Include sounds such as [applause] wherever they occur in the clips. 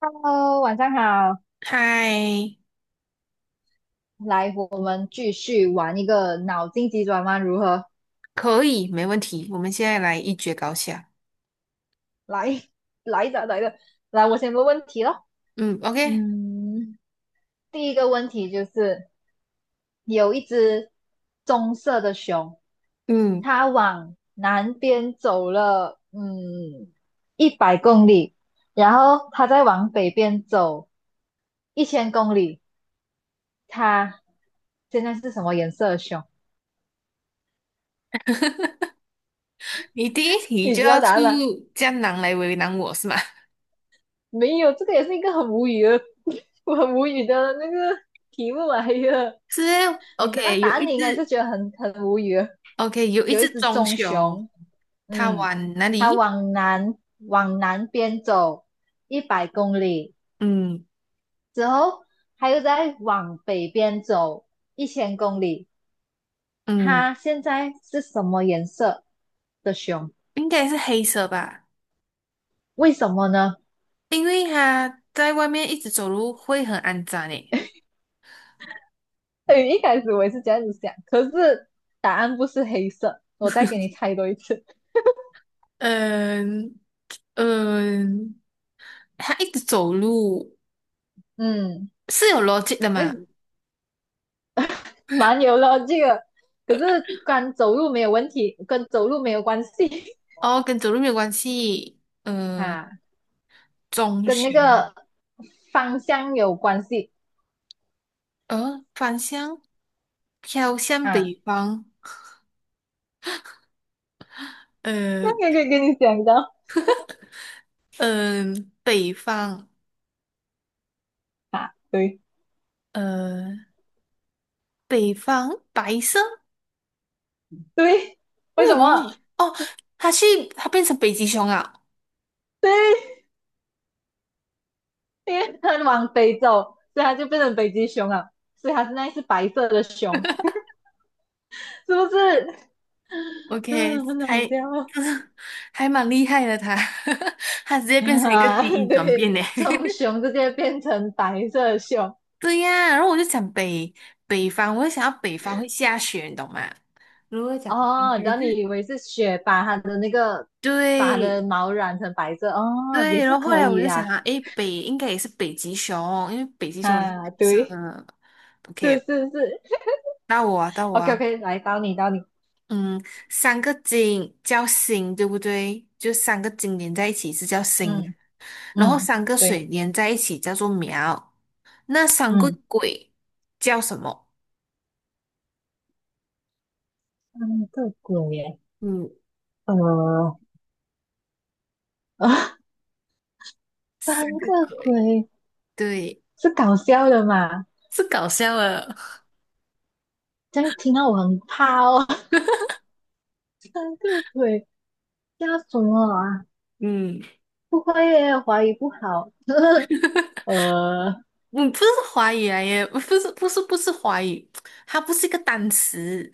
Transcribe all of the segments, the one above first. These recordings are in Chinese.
HE 晚上好，嗨，来，我们继续玩一个脑筋急转弯，如何？可以，没问题。我们现在来一决高下。来，[laughs] 来的，来的，来，我先问问题咯。嗯，OK，嗯，第一个问题就是有一只棕色的熊，嗯，它往南边走了，一百公里，然后它再往北边走一千公里，它现在是什么颜色的熊？你第一题你就知道要答出案吗？江南来为难我是吗？[laughs] 没有，这个也是一个很无语的，[laughs] 我很无语的那个题目来的。是 [laughs] 你知道，OK，答有案，你一应该是只 觉得很无语的。[laughs]，OK，有一有一只只棕棕熊，熊，它嗯，往哪它里？往南边走一百公里嗯之后，它又在往北边走一千公里。嗯，它现在是什么颜色的熊？应该是黑色吧，为什么呢？因为它在外面一直走路会很肮脏诶。[laughs] 哎，一开始我也是这样子想，可是答案不是黑色。我再给你猜多一次。嗯嗯，它一直走路嗯，是有逻辑的哎，嘛？蛮有逻辑的，可是跟走路没有问题，跟走路没有关系 哦，跟走路没有关系。[laughs] 嗯。啊，棕跟那熊，个方向有关系返乡，飘向啊。北方，呃，那个可以跟你讲的嗯、北方，啊，[laughs] 对呃，北方白色，对，为为什什么？么？哦，它去，它变成北极熊啊对，因为它往北走，所以它就变成北极熊了，所以它现在是白色的熊，是不是？，OK，嗯，很好还，[laughs] 笑可是，还蛮厉害的它，[laughs] 它直接变成一个啊，基 [laughs] 因转变对，呢。从 [laughs] 熊直接变成白色的熊，对呀，然后我就想北方，我就想要北方会下雪，你懂吗？如果讲应哦，该然后你是以为是雪把它对，的毛染成白色，哦，也对，然是后后可来我以就想呀、啊，诶，北应该也是北极熊，因为北极啊，熊也是白啊，色对，的。是 OK，是是到我啊，到我，OK 啊，OK，来到你到你，嗯，三个金叫星，对不对？就三个金连在一起是叫星，嗯然后嗯，三个对，水连在一起叫做苗。那三个嗯，鬼叫什么？三个鬼耶，嗯，呃啊，[laughs] 三三个个鬼，鬼对，是搞笑的嘛？是搞笑的。这样听到我很怕哦，[laughs] 三个鬼叫什么啊？嗯，不会耶，华语不好，[laughs] 呃，嗯，不是华语来耶，不是，不是，不是华语，它不是一个单词。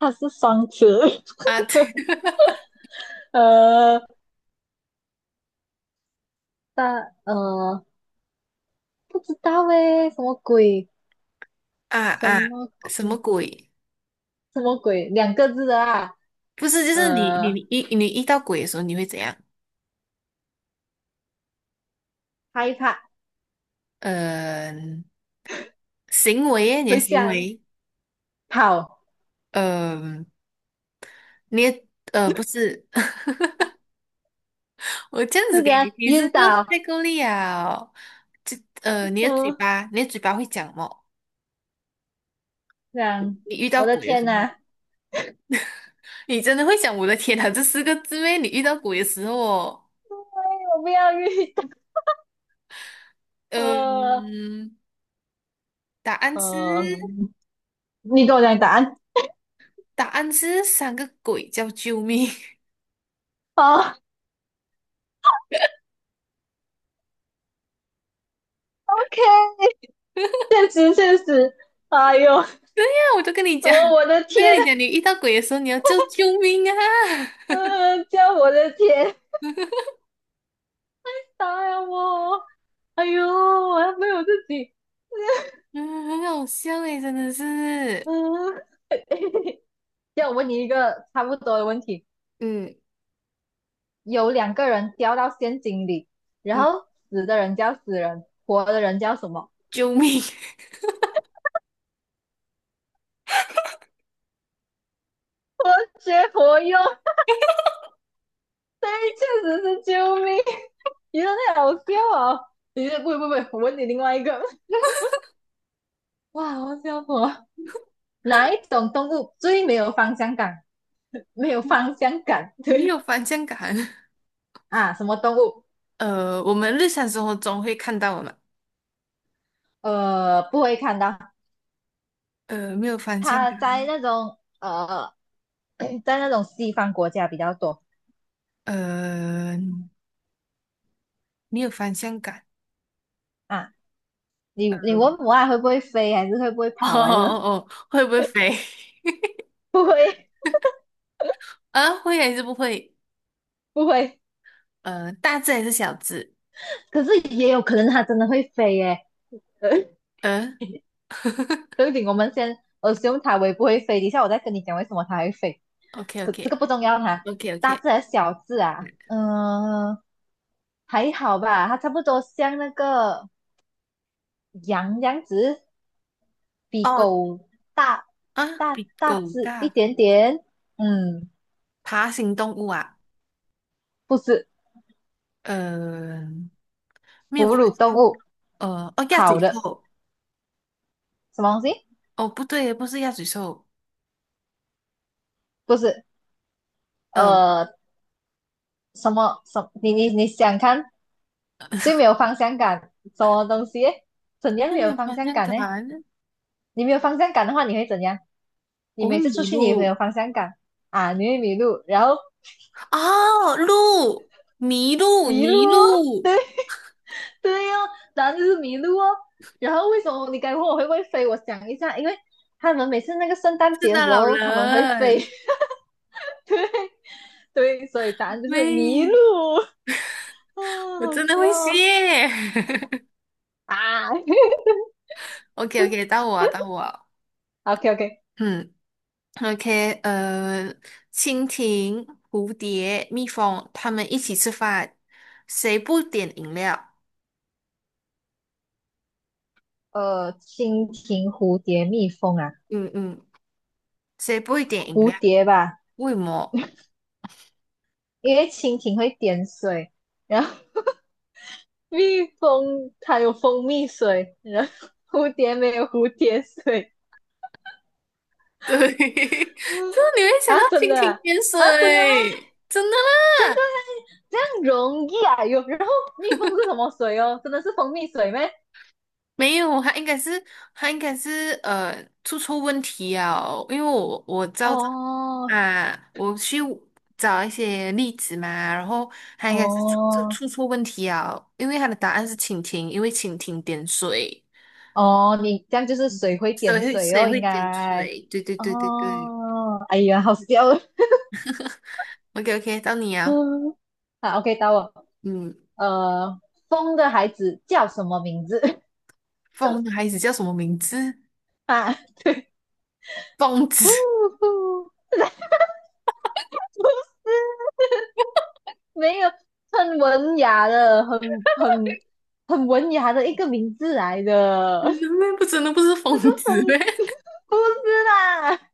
它是双子，啊，[laughs] [laughs] 呃，但。不知道诶，什么鬼？啊什啊，么鬼？什么鬼？什么鬼？两个字的啊，不是，就是你你呃，你遇你遇到鬼的时候，你会怎样？害怕、嗯、行为耶你的会行想、为，跑，嗯、你的不是，[laughs] 我这样子就这给样你你晕是就倒，太够力啊！就你的嘴嗯，巴，你的嘴巴会讲么？这样，你遇到我的鬼的天时呐，候，哎，你真的会讲我的天哪，这四个字咩？你遇到鬼的时候哦，我不要晕倒，呃嗯、答案是呃你给我讲答案，[laughs] 答案是三个鬼叫救命。哦，OK，现实现实，哎呦，什那我就跟你么讲，我的我就天，跟你讲，你遇到鬼的时候你要叫救命啊！叫我的天，[laughs] 答呀我，哎呦，我还没有自己，嗯，很好笑诶，真的是，嗯，这样我问你一个差不多的问题。嗯有两个人掉到陷阱里，然嗯，后死的人叫死人，活的人叫什么？救命，活学活用，确实是救命！你说那好笑哦。你这不不不，我问你另外一个，哇，好笑死我！哪一种动物最没有方向感？没有方向感，[laughs] 没有对方向感。啊，什么动物？我们日常生活中会看到我们，不会看到，没有方向它感，在那种西方国家比较多呃，没有方向感。啊。你问母爱会不会飞，还是会不会 [laughs] 哦跑啊？这哦种哦，会不会飞？[laughs] 不会啊，会还是不会？不会，大只还是小只？可是也有可能它真的会飞耶。[laughs] 对呃不用等，我们先 assume 它会不会飞，等一下我再跟你讲为什么它会飞。，OK 可 OK 这个不重要哈，OK OK，大字还是小字啊？还好吧，它差不多像那个羊这样子，比哦狗大啊，大比大狗只一大，点点。嗯，爬行动物啊。不是呃，没有哺乳方动向，物，呃，哦，鸭嘴跑的兽，什么东西？哦，不对，不是鸭嘴兽，不是，嗯，呃，什么什么你想看最没有方向感，什么东西耶怎样又没没有有方方向向感呢？感，你没有方向感的话，你会怎样？你我会每次出迷去你会有路，方向感啊，你会迷路，然后哦，路，迷路，迷路迷哦，[laughs] 对路，对哦，答案就是迷路哦。然后为什么你该问我会不会飞？我想一下，因为他们每次那个圣诞圣节的诞时老候他们会飞，人，[laughs] 对，所以答案 [laughs] 就是迷路。喂，[laughs] 啊，我好真的会笑谢 哦啊 [laughs] [laughs] o k o k [laughs] 到我，到我，！OK OK，嗯，OK，蜻蜓、蝴蝶、蜜蜂，它们一起吃饭，谁不点饮料？蜻蜓、蝴蝶、蜜蜂啊，嗯嗯，谁不会点饮蝴料？蝶吧。为什么？因为蜻蜓会点水，然后蜜蜂它有蜂蜜水，然后蝴蝶没有蝴蝶水。对，[laughs] 就是你会想啊，到真蜻的蜓啊，点啊真的吗？水，真的吗？这个这样容易啊？有，然后蜜蜂是什么水哦？真的是蜂蜜水吗？没有，他应该是出错问题哦，因为我照哦着啊，我去找一些例子嘛，然后他应该是出出哦出错问题啊，因为他的答案是蜻蜓，因为蜻蜓点水，哦，你这样就是水嗯，会谁点会水谁哦，会应点该水？对对对对对哦。哎呀，好笑哦，OK OK，到你嗯，啊，[laughs] 好，OK，到我。嗯，呃，风的孩子叫什么名字？风的孩子叫什么名字？[laughs] 啊，疯呼子。是 [laughs] 没有很文雅的，很很文雅的一个名字来你的。那妹不真的不是 [laughs] 那个疯子呗？风不是啦，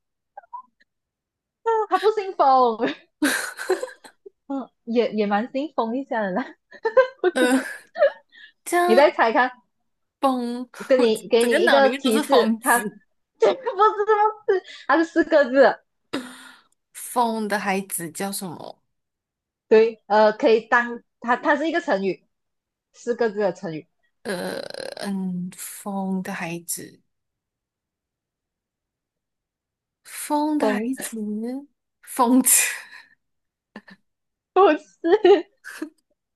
他不姓风，[laughs] 嗯，也蛮姓风一下的啦。呃，[laughs] 这你样再猜看，疯，[laughs] 跟我你给整个你一脑里个面都提是示，疯子。他这个 [laughs] 不是不是，他是四个字的疯的孩子叫什么？对，可以当它是一个成语，四个字的成语，呃，嗯，疯的孩子，疯的孩风子，疯子，不是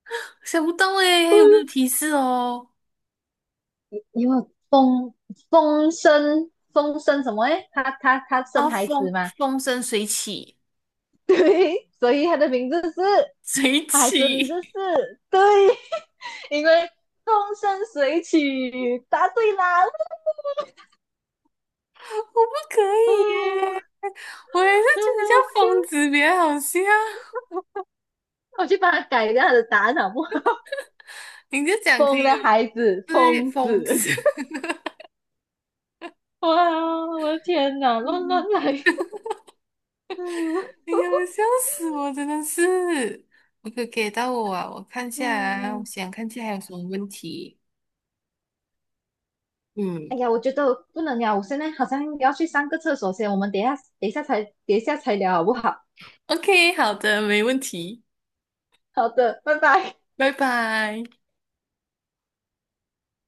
[laughs] 想不到诶，还不有没有是。提示哦？因为风生什么诶，他啊，生孩子风嘛，风生水起，[laughs] 对，所以他的名字是，水他孩子的名起，字是，对，[laughs] 因为风生水起，答对啦，[laughs] 我不可 [laughs] 嗯，以耶，我还是很觉得叫好笑，疯子比较好笑。我去帮他改一下他的答案好不好？你就 [laughs] 讲可风以的了孩子，对，疯疯子。子，哇，我的天哪，乱乱 [laughs] 来，哎嗯呀，笑死我！真的是，我可给到我啊！我看下啊，我嗯。想看下还有什么问题。嗯哎呀，我觉得不能聊，我现在好像要去上个厕所先，我们等一下，等一下才聊好不好？，OK，好的，没问题，好的，拜拜。拜拜。